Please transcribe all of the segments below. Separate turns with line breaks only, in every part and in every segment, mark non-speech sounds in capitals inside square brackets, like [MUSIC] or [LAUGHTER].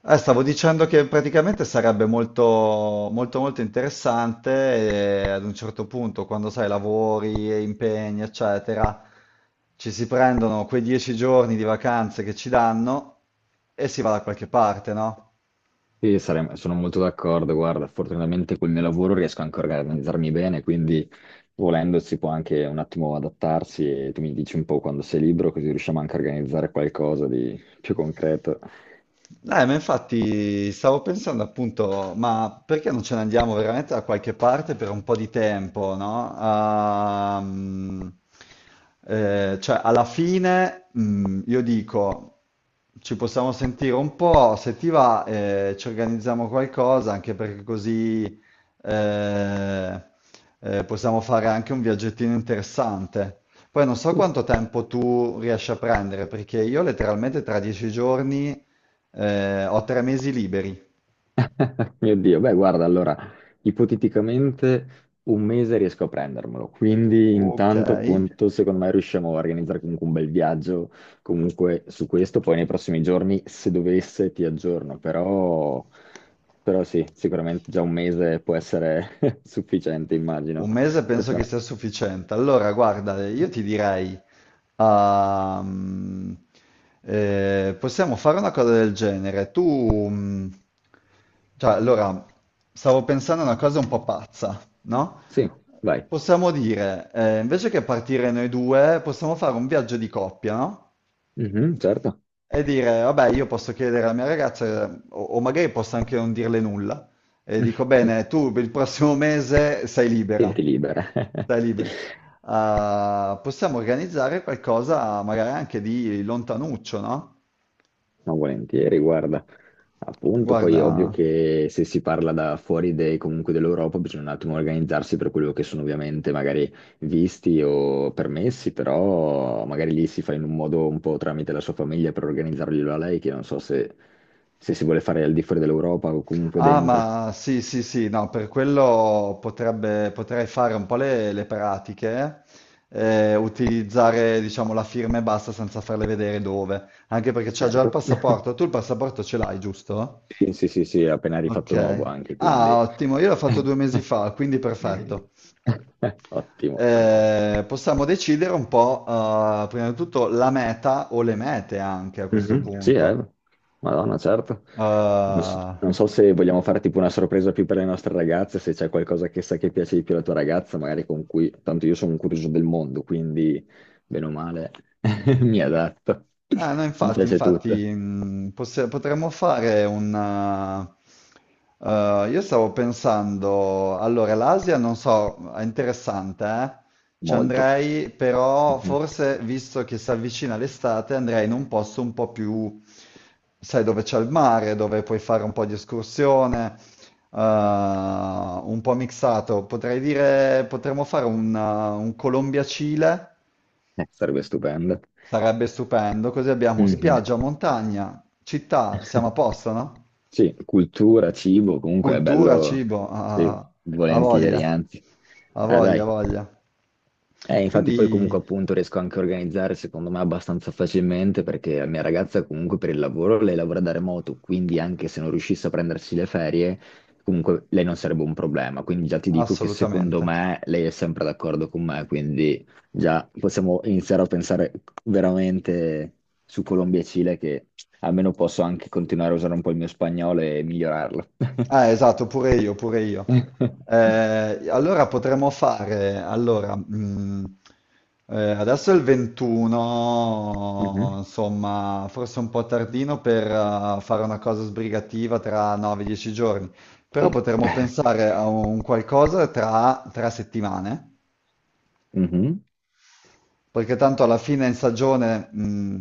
Stavo dicendo che praticamente sarebbe molto, molto, molto interessante e ad un certo punto, quando sai, lavori e impegni, eccetera, ci si prendono quei 10 giorni di vacanze che ci danno e si va da qualche parte, no?
Sì, sono molto d'accordo. Guarda, fortunatamente col mio lavoro riesco anche a organizzarmi bene, quindi volendo si può anche un attimo adattarsi e tu mi dici un po' quando sei libero, così riusciamo anche a organizzare qualcosa di più concreto.
Ma infatti stavo pensando appunto, ma perché non ce ne andiamo veramente da qualche parte per un po' di tempo, no? Cioè, alla fine, io dico, ci possiamo sentire un po', se ti va, ci organizziamo qualcosa, anche perché così eh, possiamo fare anche un viaggettino interessante. Poi non so quanto tempo tu riesci a prendere, perché io letteralmente tra dieci giorni... Ho 3 mesi liberi.
[LAUGHS] Mio Dio, beh, guarda, allora, ipoteticamente un mese riesco a prendermelo, quindi
Ok,
intanto appunto secondo me riusciamo a organizzare comunque un bel viaggio comunque su questo. Poi nei prossimi giorni se dovesse ti aggiorno, però, però sì, sicuramente già un mese può essere [LAUGHS] sufficiente, immagino,
1 mese
per
penso che
fare...
sia sufficiente. Allora, guarda, io ti direi, ehm, possiamo fare una cosa del genere. Mm, cioè, allora, stavo pensando a una cosa un po' pazza, no?
Sì, vai.
Possiamo dire, invece che partire noi due, possiamo fare un viaggio di coppia, no?
Mhm, certo.
E dire, vabbè, io posso chiedere alla mia ragazza, o magari posso anche non dirle nulla, e dico,
[LAUGHS]
bene, tu per il prossimo mese sei
Senti
libera,
libera. [LAUGHS]
sei libera. Ah, possiamo organizzare qualcosa magari anche di lontanuccio, no?
No, volentieri, guarda. Appunto, poi è ovvio
Guarda,
che se si parla da fuori comunque dell'Europa bisogna un attimo organizzarsi per quello che sono ovviamente magari visti o permessi, però magari lì si fa in un modo un po' tramite la sua famiglia per organizzarglielo a lei, che non so se, se si vuole fare al di fuori dell'Europa o comunque
ah,
dentro.
ma sì, sì, sì, no, per quello potrebbe, potrei fare un po' le pratiche, utilizzare, diciamo, la firma e basta senza farle vedere dove, anche perché c'ha già il
Certo. [LAUGHS]
passaporto. Tu il passaporto ce l'hai, giusto?
Sì, sì, sì, sì, è appena rifatto nuovo
Ok.
anche,
Ah,
quindi...
ottimo, io l'ho fatto due mesi
[LAUGHS]
fa, quindi perfetto.
Ottimo.
Possiamo decidere un po', prima di tutto, la meta o le mete anche a questo
Mhm, sì, eh.
punto.
Madonna, certo. Non so,
Eh,
non so se vogliamo fare tipo una sorpresa più per le nostre ragazze, se c'è qualcosa che sa che piace di più alla tua ragazza, magari con cui... Tanto io sono un curioso del mondo, quindi, bene o male, [LAUGHS] mi adatto.
Ah, no,
Mi
infatti,
piace tutto.
infatti, potremmo fare un... Io stavo pensando, allora, l'Asia non so, è interessante, eh? Ci
Molto.
andrei, però
Mhm.
forse, visto che si avvicina l'estate, andrei in un posto un po' più, sai, dove c'è il mare, dove puoi fare un po' di escursione, un po' mixato. Potrei dire, un Colombia-Cile.
Sarebbe stupendo.
Sarebbe stupendo, così abbiamo
Mhm.
spiaggia, montagna, città, siamo a
[LAUGHS]
posto, no?
Sì, cultura, cibo, comunque è
Cultura,
bello,
cibo,
sì,
a, a
volentieri,
voglia,
anzi.
a
Ah,
voglia, a
dai.
voglia.
Infatti poi
Quindi,
comunque appunto riesco anche a organizzare secondo me abbastanza facilmente perché la mia ragazza comunque per il lavoro, lei lavora da remoto, quindi anche se non riuscisse a prendersi le ferie, comunque lei non sarebbe un problema. Quindi già ti dico che secondo
assolutamente.
me lei è sempre d'accordo con me, quindi già possiamo iniziare a pensare veramente su Colombia e Cile, che almeno posso anche continuare a usare un po' il mio spagnolo e migliorarlo.
Ah, esatto, pure io, pure io.
[LAUGHS]
Allora potremmo fare, allora, adesso è il 21,
Mhm.
insomma, forse un po' tardino per fare una cosa sbrigativa tra 9-10 giorni, però
Sì.
potremmo
[LAUGHS]
pensare a un qualcosa tra 3 settimane,
Mhm.
perché tanto alla fine in stagione,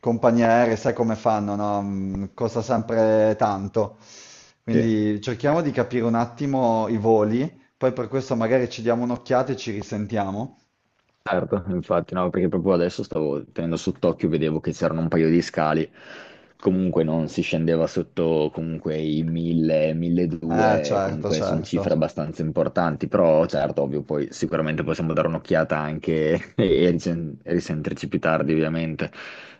compagnie aeree, sai come fanno, no? Mm, costa sempre tanto.
Sì.
Quindi cerchiamo di capire un attimo i voli, poi per questo magari ci diamo un'occhiata e ci risentiamo.
Certo, infatti, no, perché proprio adesso stavo tenendo sott'occhio, vedevo che c'erano un paio di scali, comunque non si scendeva sotto comunque i 1000, 1200,
Certo,
comunque sono cifre
certo,
abbastanza importanti, però certo, ovvio, poi sicuramente possiamo dare un'occhiata anche [LAUGHS] e e risentirci più tardi, ovviamente.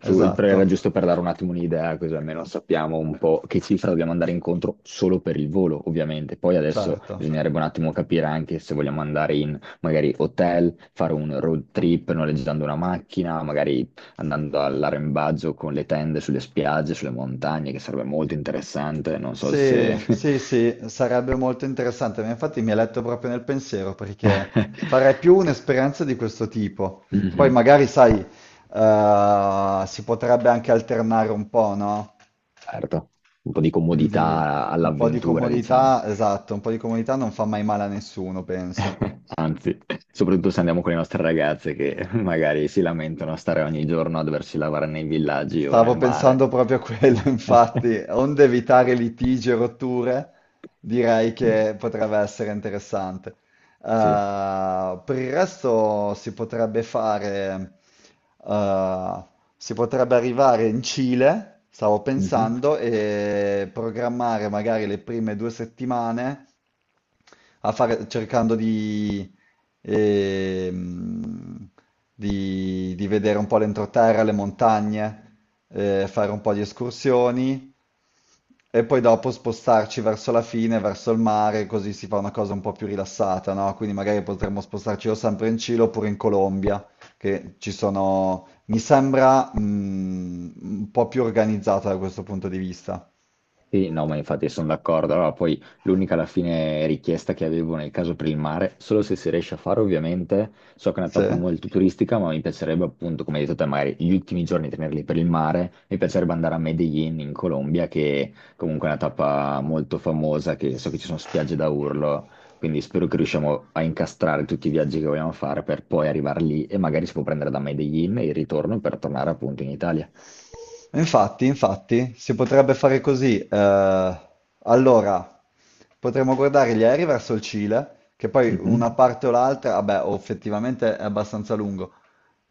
Su- però era
esatto,
giusto per dare un attimo un'idea, così almeno sappiamo un po' che cifra dobbiamo andare incontro solo per il volo, ovviamente. Poi adesso
certo.
bisognerebbe un attimo capire anche se vogliamo andare in magari hotel, fare un road trip noleggiando una macchina, magari andando all'arrembaggio con le tende sulle spiagge, sulle montagne, che sarebbe molto interessante. Non so se...
Sì, sì, sì, sarebbe molto interessante, ma infatti mi ha letto proprio nel pensiero perché farei più
[LAUGHS]
un'esperienza di questo tipo. Poi
Mhm,
magari, sai, si potrebbe anche alternare un po', no?
certo, un po' di
Quindi
comodità
un po' di
all'avventura, diciamo.
comodità, esatto, un po' di comodità non fa mai male a nessuno, penso.
[LAUGHS] Anzi, soprattutto se andiamo con le nostre ragazze che [LAUGHS] magari si lamentano a stare ogni giorno a doversi lavare nei villaggi o nel
Stavo
mare.
pensando proprio a quello, [LAUGHS]
[LAUGHS]
infatti, onde evitare litigi e rotture, direi che potrebbe essere interessante.
Sì.
Per il resto si potrebbe fare, eh, si potrebbe arrivare in Cile, stavo
Mhm.
pensando, e programmare magari le prime 2 settimane cercando di, ehm, di vedere un po' l'entroterra, le montagne, fare un po' di escursioni e poi dopo spostarci verso la fine, verso il mare, così si fa una cosa un po' più rilassata, no? Quindi magari potremmo spostarci o sempre in Cile oppure in Colombia, che ci sono, mi sembra, un po' più organizzata da questo punto di vista.
Sì, no, ma infatti sono d'accordo. Allora, poi l'unica alla fine richiesta che avevo nel caso per il mare, solo se si riesce a fare ovviamente, so che è una
Sì?
tappa molto turistica, ma mi piacerebbe appunto, come hai detto te, magari gli ultimi giorni tenerli per il mare, mi piacerebbe andare a Medellin in Colombia, che comunque è una tappa molto famosa, che so che ci sono spiagge da urlo, quindi spero che riusciamo a incastrare tutti i viaggi che vogliamo fare per poi arrivare lì e magari si può prendere da Medellin il ritorno per tornare appunto in Italia.
Infatti, infatti, si potrebbe fare così. Allora, potremmo guardare gli aerei verso il Cile, che poi
Mhm.
una parte o l'altra, vabbè, o effettivamente è abbastanza lungo.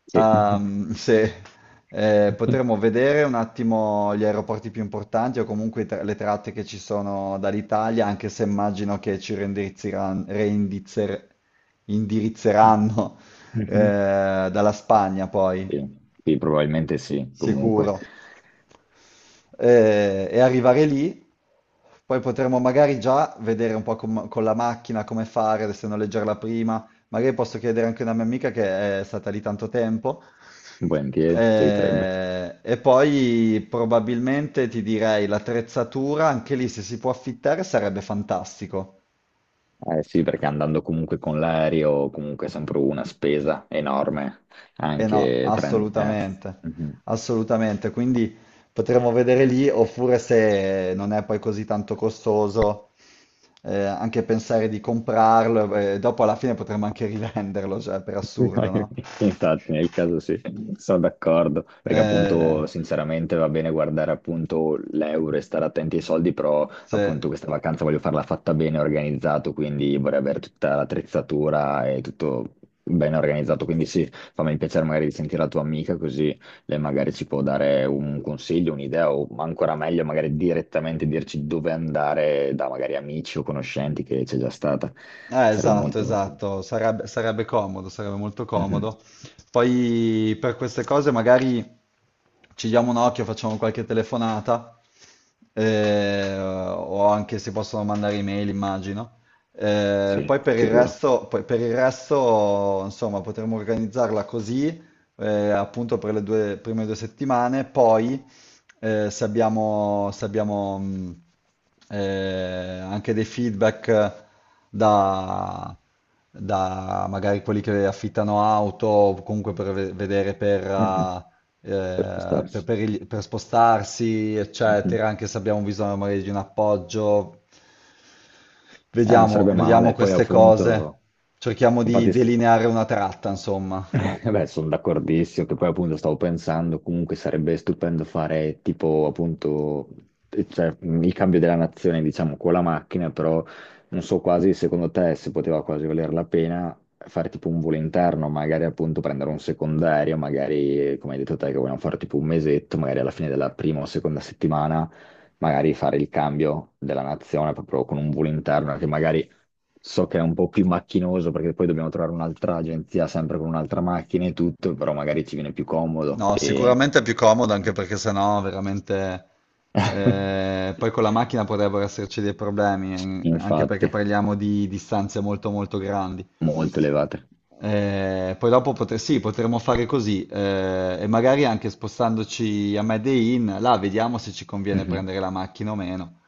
Sì.
Se, Potremmo
[LAUGHS]
vedere un attimo gli aeroporti più importanti o comunque le tratte che ci sono dall'Italia, anche se immagino che ci indirizzeranno
Mhm.
dalla Spagna poi,
Sì, sì, probabilmente sì, comunque.
sicuro e arrivare lì, poi potremo magari già vedere un po' con la macchina come fare, se noleggiarla prima, magari posso chiedere anche a una mia amica che è stata lì tanto tempo,
Volentieri, ci aiuterebbe.
e poi probabilmente ti direi l'attrezzatura, anche lì se si può affittare sarebbe fantastico.
Eh sì, perché andando comunque con l'aereo, comunque è sempre una spesa enorme,
Eh no,
anche...
assolutamente,
Mhm.
assolutamente. Quindi potremmo vedere lì, oppure se non è poi così tanto costoso, anche pensare di comprarlo e dopo alla fine potremmo anche rivenderlo, cioè per assurdo,
[LAUGHS]
no?
Infatti, nel caso sì, sono d'accordo, perché
Eh,
appunto sinceramente va bene guardare appunto l'euro e stare attenti ai soldi, però
sì.
appunto questa vacanza voglio farla fatta bene, organizzato, quindi vorrei avere tutta l'attrezzatura e tutto ben organizzato, quindi sì, fammi il piacere magari di sentire la tua amica, così lei magari ci può dare un consiglio, un'idea, o ancora meglio magari direttamente dirci dove andare da magari amici o conoscenti che c'è già stata, sarebbe
Esatto,
molto
esatto, sarebbe, sarebbe comodo, sarebbe molto
utile.
comodo. Poi per queste cose magari ci diamo un occhio, facciamo qualche telefonata, o anche si possono mandare email, immagino.
Sì,
Poi per il
sicuro.
resto, poi per il resto, insomma, potremmo organizzarla così, appunto per prime 2 settimane, poi se abbiamo, se abbiamo anche dei feedback da, da magari quelli che affittano auto, o comunque per vedere per,
Mhm, per postarsi.
per spostarsi,
Mhm.
eccetera, anche se abbiamo bisogno magari di un appoggio,
Non
vediamo,
sarebbe
vediamo
male. Poi
queste cose,
appunto,
cerchiamo di
infatti st-
delineare una tratta, insomma.
eh, beh, sono d'accordissimo, che poi appunto stavo pensando, comunque sarebbe stupendo fare tipo appunto il cambio della nazione, diciamo, con la macchina, però non so quasi secondo te se poteva quasi valer la pena fare tipo un volo interno, magari appunto prendere un secondario, magari come hai detto te che vogliamo fare tipo un mesetto, magari alla fine della prima o seconda settimana, magari fare il cambio della nazione proprio con un volo interno che magari so che è un po' più macchinoso, perché poi dobbiamo trovare un'altra agenzia sempre con un'altra macchina e tutto, però magari ci viene più comodo
No,
e...
sicuramente è più comodo anche perché sennò veramente poi
[LAUGHS]
con la macchina potrebbero esserci dei problemi, anche perché
Infatti,
parliamo di distanze molto molto grandi.
molto elevate.
Sì, potremmo fare così e magari anche spostandoci a Medellin, là vediamo se ci conviene
Mhm.
prendere la macchina o meno.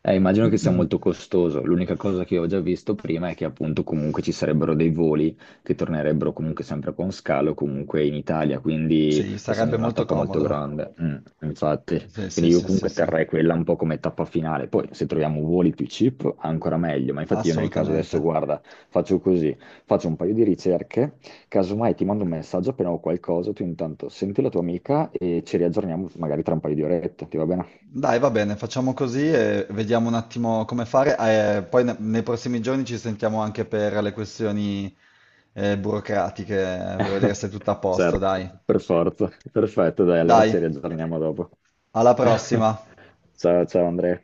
Immagino che sia
[CLEARS THROAT]
molto costoso. L'unica cosa che ho già visto prima è che appunto comunque ci sarebbero dei voli che tornerebbero comunque sempre con scalo comunque in Italia, quindi
Sì, sarebbe
essendo una
molto
tappa molto
comodo.
grande. Mm, infatti,
Sì, sì,
quindi io
sì, sì,
comunque
sì,
terrei quella un po' come tappa finale. Poi se troviamo voli più cheap ancora meglio, ma infatti io nel caso
assolutamente.
adesso guarda, faccio così, faccio un paio di ricerche, casomai ti mando un messaggio appena ho qualcosa, tu intanto senti la tua amica e ci riaggiorniamo magari tra un paio di orette, ti va bene?
Dai, va bene, facciamo così e vediamo un attimo come fare. Poi nei prossimi giorni ci sentiamo anche per le questioni burocratiche, per vedere se è
[LAUGHS]
tutto a posto,
Certo,
dai.
per forza. Perfetto, dai, allora
Dai,
ci riaggiorniamo dopo.
alla
[LAUGHS]
prossima.
Ciao, ciao Andrea.